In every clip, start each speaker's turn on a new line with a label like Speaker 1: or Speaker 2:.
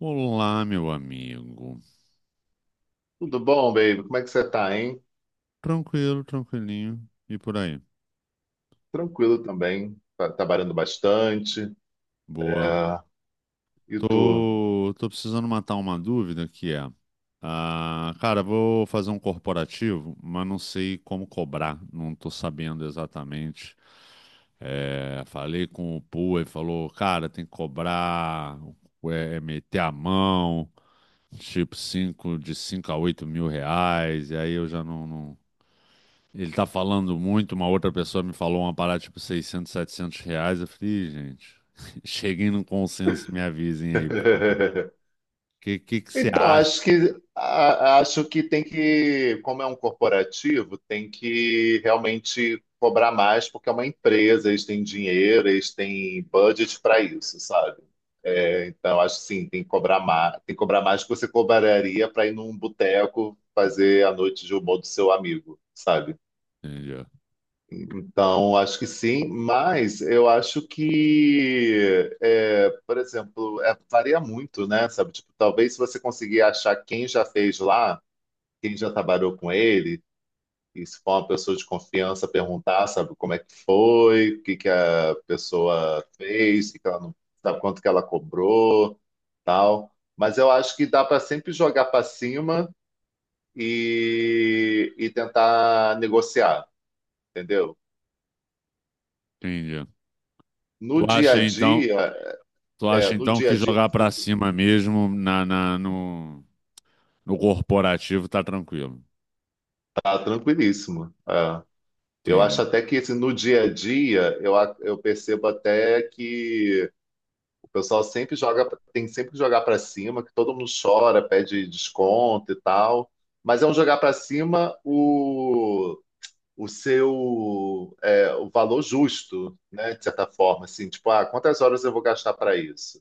Speaker 1: Olá, meu amigo.
Speaker 2: Tudo bom, baby? Como é que você tá, hein?
Speaker 1: Tranquilo, tranquilinho. E por aí?
Speaker 2: Tranquilo também. Tá trabalhando bastante.
Speaker 1: Boa.
Speaker 2: É, e tu?
Speaker 1: Tô precisando matar uma dúvida que é, cara, vou fazer um corporativo, mas não sei como cobrar. Não tô sabendo exatamente. É, falei com o Pua e falou, cara, tem que cobrar, é meter a mão, tipo 5 a 8 mil reais. E aí eu já não. Ele tá falando muito, uma outra pessoa me falou uma parada tipo 600, 700 reais. Eu falei, "Ih, gente, cheguem num consenso e me avisem aí, por favor. O que, que que você
Speaker 2: Então,
Speaker 1: acha?
Speaker 2: acho que tem que, como é um corporativo, tem que realmente cobrar mais, porque é uma empresa, eles têm dinheiro, eles têm budget para isso, sabe? É, então, acho que sim, tem que cobrar mais, tem que cobrar mais do que você cobraria para ir num boteco fazer a noite de humor do seu amigo, sabe?
Speaker 1: Entendi,
Speaker 2: Então, acho que sim, mas eu acho que, é, por exemplo, é, varia muito, né? Sabe? Tipo, talvez se você conseguir achar quem já fez lá, quem já trabalhou com ele, e se for uma pessoa de confiança, perguntar, sabe, como é que foi, o que que a pessoa fez, o que que ela não, sabe, quanto que ela cobrou, tal. Mas eu acho que dá para sempre jogar para cima e tentar negociar, entendeu?
Speaker 1: entendi.
Speaker 2: No
Speaker 1: Tu
Speaker 2: dia a
Speaker 1: acha então,
Speaker 2: dia,
Speaker 1: tu
Speaker 2: é,
Speaker 1: acha
Speaker 2: no
Speaker 1: então
Speaker 2: dia
Speaker 1: que
Speaker 2: a dia
Speaker 1: jogar pra cima mesmo no corporativo tá tranquilo?
Speaker 2: tá tranquilíssimo. É. Eu acho
Speaker 1: Entendi.
Speaker 2: até que assim, no dia a dia eu, a- eu percebo até que o pessoal sempre joga, tem sempre que jogar para cima, que todo mundo chora, pede desconto e tal. Mas é um jogar para cima o seu é, o valor justo, né? De certa forma, assim, tipo, ah, quantas horas eu vou gastar para isso?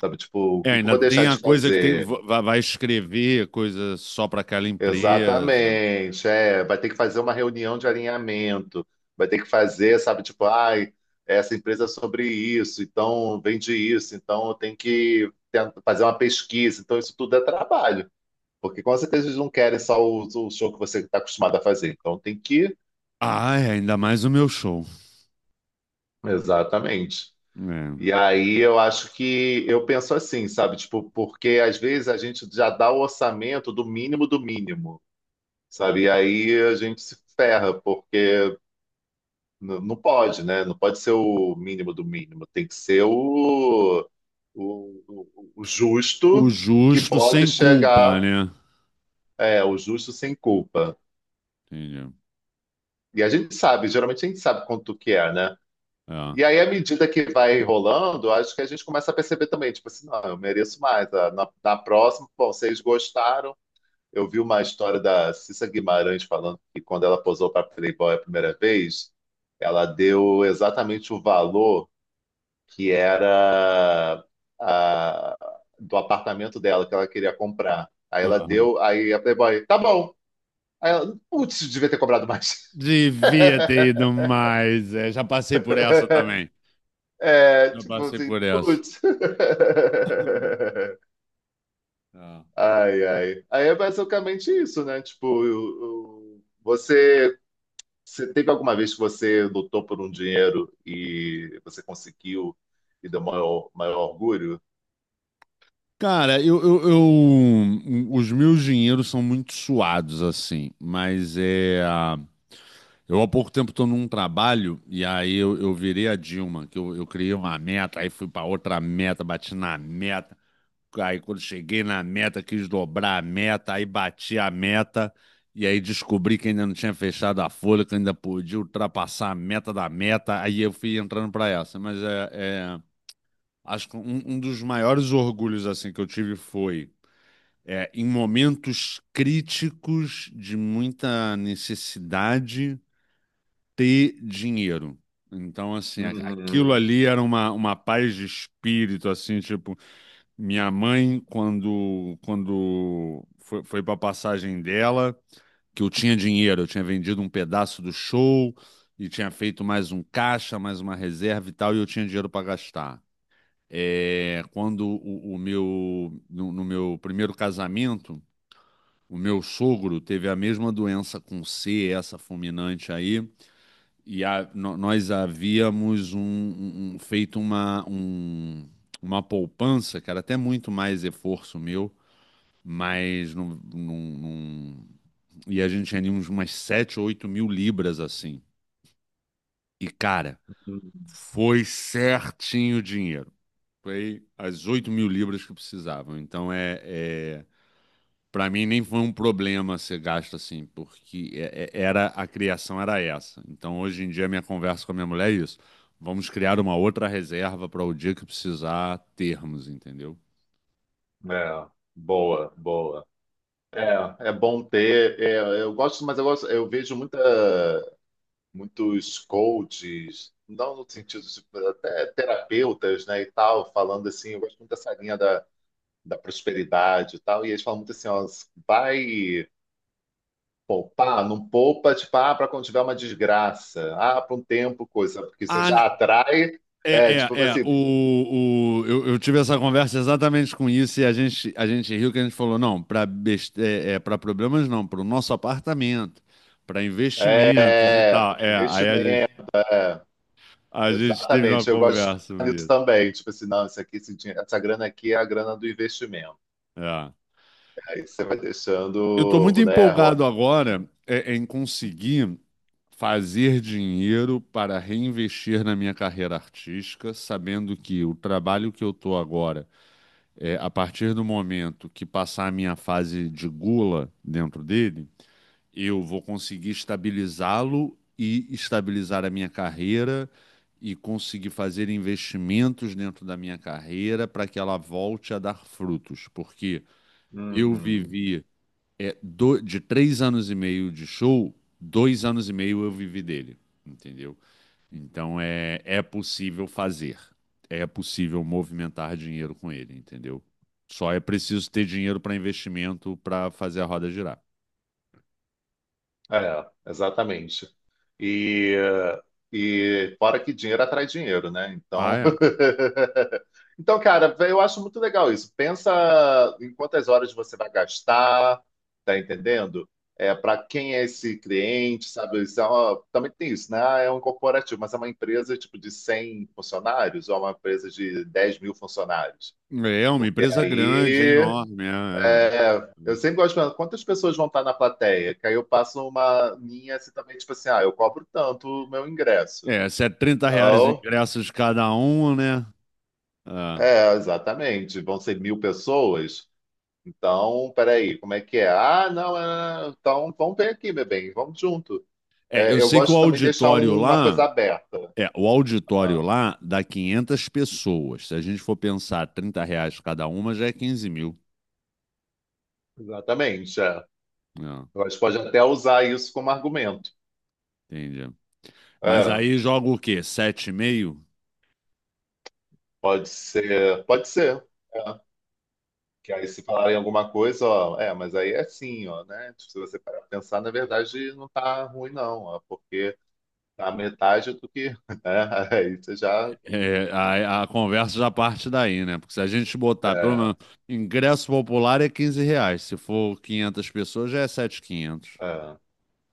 Speaker 2: Sabe, tipo, o
Speaker 1: É,
Speaker 2: que que eu
Speaker 1: ainda
Speaker 2: vou deixar
Speaker 1: tem a
Speaker 2: de
Speaker 1: coisa que tem,
Speaker 2: fazer?
Speaker 1: vai escrever coisa só pra aquela empresa.
Speaker 2: Exatamente, é, vai ter que fazer uma reunião de alinhamento, vai ter que fazer, sabe, tipo, ai, essa empresa é sobre isso, então vende isso, então eu tenho que ten- fazer uma pesquisa, então isso tudo é trabalho, porque com certeza eles não querem só o show que você está acostumado a fazer, então tem que,
Speaker 1: Ah, é, ainda mais o meu show.
Speaker 2: exatamente.
Speaker 1: É.
Speaker 2: E aí eu acho que eu penso assim, sabe, tipo, porque às vezes a gente já dá o orçamento do mínimo, sabe, e aí a gente se ferra, porque não, não pode, né? Não pode ser o mínimo do mínimo. Tem que ser o, o
Speaker 1: O
Speaker 2: justo que
Speaker 1: justo
Speaker 2: pode
Speaker 1: sem culpa,
Speaker 2: chegar,
Speaker 1: né?
Speaker 2: é, o justo sem culpa.
Speaker 1: Entendi.
Speaker 2: E a gente sabe, geralmente a gente sabe quanto que é, né? E
Speaker 1: É.
Speaker 2: aí, à medida que vai rolando, acho que a gente começa a perceber também, tipo assim, não, eu mereço mais. Ah, na, na próxima, bom, vocês gostaram. Eu vi uma história da Cissa Guimarães falando que quando ela posou para Playboy a primeira vez, ela deu exatamente o valor que era a- do apartamento dela que ela queria comprar. Aí ela
Speaker 1: Aham.
Speaker 2: deu, aí a Playboy, tá bom. Aí ela, putz, devia ter cobrado mais.
Speaker 1: Devia ter ido mais. É, já passei por essa também.
Speaker 2: É,
Speaker 1: Já
Speaker 2: tipo
Speaker 1: passei
Speaker 2: assim,
Speaker 1: por essa.
Speaker 2: putz.
Speaker 1: É.
Speaker 2: Ai, ai. Aí é basicamente isso, né? Tipo, você, você teve alguma vez que você lutou por um dinheiro e você conseguiu e deu maior, maior orgulho?
Speaker 1: Cara, os meus dinheiros são muito suados, assim, mas é. Eu há pouco tempo estou num trabalho e aí eu virei a Dilma, que eu criei uma meta, aí fui para outra meta, bati na meta. Aí quando cheguei na meta, quis dobrar a meta, aí bati a meta, e aí descobri que ainda não tinha fechado a folha, que ainda podia ultrapassar a meta da meta, aí eu fui entrando para essa. Mas é, acho que um dos maiores orgulhos assim que eu tive foi em momentos críticos de muita necessidade ter dinheiro. Então, assim, aquilo
Speaker 2: Uhum.
Speaker 1: ali era uma paz de espírito, assim, tipo, minha mãe, quando foi para a passagem dela, que eu tinha dinheiro, eu tinha vendido um pedaço do show e tinha feito mais um caixa, mais uma reserva e tal, e eu tinha dinheiro para gastar. É, quando o meu, no, no meu primeiro casamento, o meu sogro teve a mesma doença com C, essa fulminante aí, e nós havíamos feito uma poupança, cara, até muito mais esforço meu mas não. E a gente tinha umas 7 ou 8 mil libras assim. E, cara, foi certinho o dinheiro. Foi as 8 mil libras que precisavam. Então, para mim, nem foi um problema ser gasto assim, porque era a criação era essa. Então, hoje em dia, minha conversa com a minha mulher é isso. Vamos criar uma outra reserva para o dia que precisar termos, entendeu?
Speaker 2: É, boa, boa. É, é bom ter. É, eu gosto, mas eu gosto, eu vejo muita, muitos coaches, não no sentido, tipo, até terapeutas, né, e tal, falando assim, eu gosto muito dessa linha da, da prosperidade e tal, e eles falam muito assim, ó, vai poupar, não poupa, tipo, ah, para quando tiver uma desgraça, ah, para um tempo, coisa, porque você
Speaker 1: Ah, n-
Speaker 2: já atrai,
Speaker 1: É,
Speaker 2: é,
Speaker 1: é,
Speaker 2: tipo
Speaker 1: é.
Speaker 2: assim,
Speaker 1: Eu tive essa conversa exatamente com isso e a gente riu que a gente falou, não, para problemas não, para o nosso apartamento, para investimentos e
Speaker 2: é,
Speaker 1: tal.
Speaker 2: para
Speaker 1: É, aí a gente,
Speaker 2: investimento. É.
Speaker 1: a gente teve uma
Speaker 2: Exatamente, eu gosto de
Speaker 1: conversa
Speaker 2: pensar
Speaker 1: sobre
Speaker 2: nisso
Speaker 1: isso.
Speaker 2: também. Tipo assim, não, isso aqui, esse dinhe- essa grana aqui é a grana do investimento.
Speaker 1: É.
Speaker 2: Aí você vai
Speaker 1: Eu estou muito
Speaker 2: deixando, né, rolar.
Speaker 1: empolgado agora em conseguir fazer dinheiro para reinvestir na minha carreira artística, sabendo que o trabalho que eu estou agora a partir do momento que passar a minha fase de gula dentro dele, eu vou conseguir estabilizá-lo e estabilizar a minha carreira e conseguir fazer investimentos dentro da minha carreira para que ela volte a dar frutos. Porque eu
Speaker 2: Uhum.
Speaker 1: vivi de 3 anos e meio de show, 2 anos e meio eu vivi dele, entendeu? Então é possível fazer, é possível movimentar dinheiro com ele, entendeu? Só é preciso ter dinheiro para investimento para fazer a roda girar.
Speaker 2: É, exatamente. E, e fora que dinheiro atrai dinheiro, né?
Speaker 1: Ah,
Speaker 2: Então,
Speaker 1: é.
Speaker 2: então, cara, eu acho muito legal isso. Pensa em quantas horas você vai gastar, tá entendendo? É, para quem é esse cliente, sabe? Isso é uma- também tem isso, né? Ah, é um corporativo, mas é uma empresa tipo de 100 funcionários ou é uma empresa de 10.000 funcionários.
Speaker 1: É uma
Speaker 2: Porque
Speaker 1: empresa grande, é
Speaker 2: aí
Speaker 1: enorme. É,
Speaker 2: é, eu sempre gosto de perguntar quantas pessoas vão estar na plateia, que aí eu passo uma linha assim também, tipo assim, ah, eu cobro tanto o meu ingresso.
Speaker 1: é. É, se é 30 reais o
Speaker 2: Então,
Speaker 1: ingresso de cada um, né? É.
Speaker 2: é, exatamente, vão ser 1.000 pessoas. Então, peraí, como é que é? Ah, não, é, então vamos ver aqui, meu bem, vamos junto.
Speaker 1: É, eu
Speaker 2: É, eu
Speaker 1: sei que o
Speaker 2: gosto também de deixar
Speaker 1: auditório
Speaker 2: um- uma
Speaker 1: lá,
Speaker 2: coisa aberta.
Speaker 1: é, o auditório
Speaker 2: Ah,
Speaker 1: lá dá 500 pessoas. Se a gente for pensar 30 reais cada uma, já é 15 mil.
Speaker 2: exatamente. É.
Speaker 1: É,
Speaker 2: Eu acho que pode até usar isso como argumento.
Speaker 1: entendi. Mas
Speaker 2: É,
Speaker 1: aí joga o quê? 7,5?
Speaker 2: pode ser, pode ser. É. Que aí se falarem alguma coisa, ó, é, mas aí é assim, ó, né? Tipo, se você parar pra pensar, na verdade não tá ruim, não, ó, porque tá a metade do que, né? Aí você já.
Speaker 1: É, a conversa já parte daí, né? Porque se a gente botar, pelo
Speaker 2: É,
Speaker 1: menos, ingresso popular é 15 reais. Se for 500 pessoas, já é 7.500.
Speaker 2: é.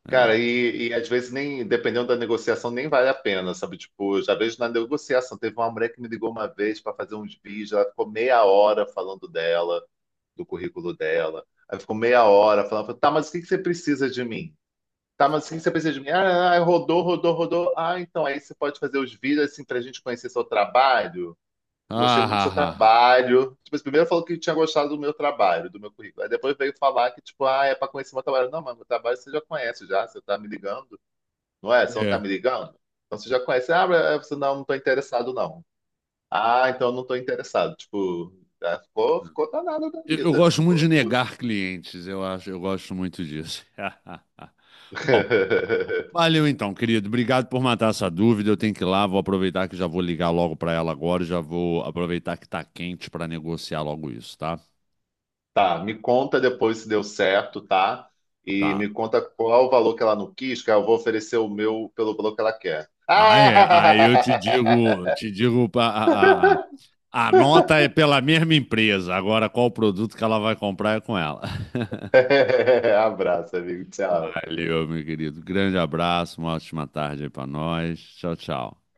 Speaker 1: É.
Speaker 2: Cara, e às vezes nem, dependendo da negociação, nem vale a pena, sabe? Tipo, eu já vejo na negociação. Teve uma mulher que me ligou uma vez para fazer uns vídeos, ela ficou meia hora falando dela, do currículo dela. Aí ficou meia hora falando, tá, mas o que que você precisa de mim? Tá, mas o que que você precisa de mim? Ah, ah, rodou, rodou, rodou. Ah, então aí você pode fazer os vídeos assim pra gente conhecer seu trabalho. Eu gostei
Speaker 1: Ah,
Speaker 2: muito do seu
Speaker 1: ah, ah.
Speaker 2: trabalho. Tipo, assim, primeiro falou que tinha gostado do meu trabalho, do meu currículo. Aí depois veio falar que, tipo, ah, é pra conhecer meu trabalho. Não, mas meu trabalho você já conhece já, você tá me ligando. Não é? Você não tá
Speaker 1: É.
Speaker 2: me ligando? Então você já conhece. Ah, mas você não, não tô interessado, não. Ah, então eu não tô interessado. Tipo, ah, ficou, ficou danado da
Speaker 1: Eu
Speaker 2: vida.
Speaker 1: gosto muito
Speaker 2: Ficou
Speaker 1: de
Speaker 2: puto.
Speaker 1: negar clientes, eu acho. Eu gosto muito disso. Bom, valeu então, querido. Obrigado por matar essa dúvida. Eu tenho que ir lá, vou aproveitar que já vou ligar logo para ela agora. E já vou aproveitar que tá quente para negociar logo isso, tá?
Speaker 2: Tá, me conta depois se deu certo, tá? E
Speaker 1: Tá.
Speaker 2: me conta qual o valor que ela não quis, que eu vou oferecer o meu pelo valor que ela quer.
Speaker 1: Ah, é. Aí eu te digo, a nota é pela mesma empresa. Agora, qual produto que ela vai comprar é com ela.
Speaker 2: Ah! Abraço, amigo. Tchau.
Speaker 1: Valeu, meu querido. Grande abraço, uma ótima tarde aí pra nós. Tchau, tchau.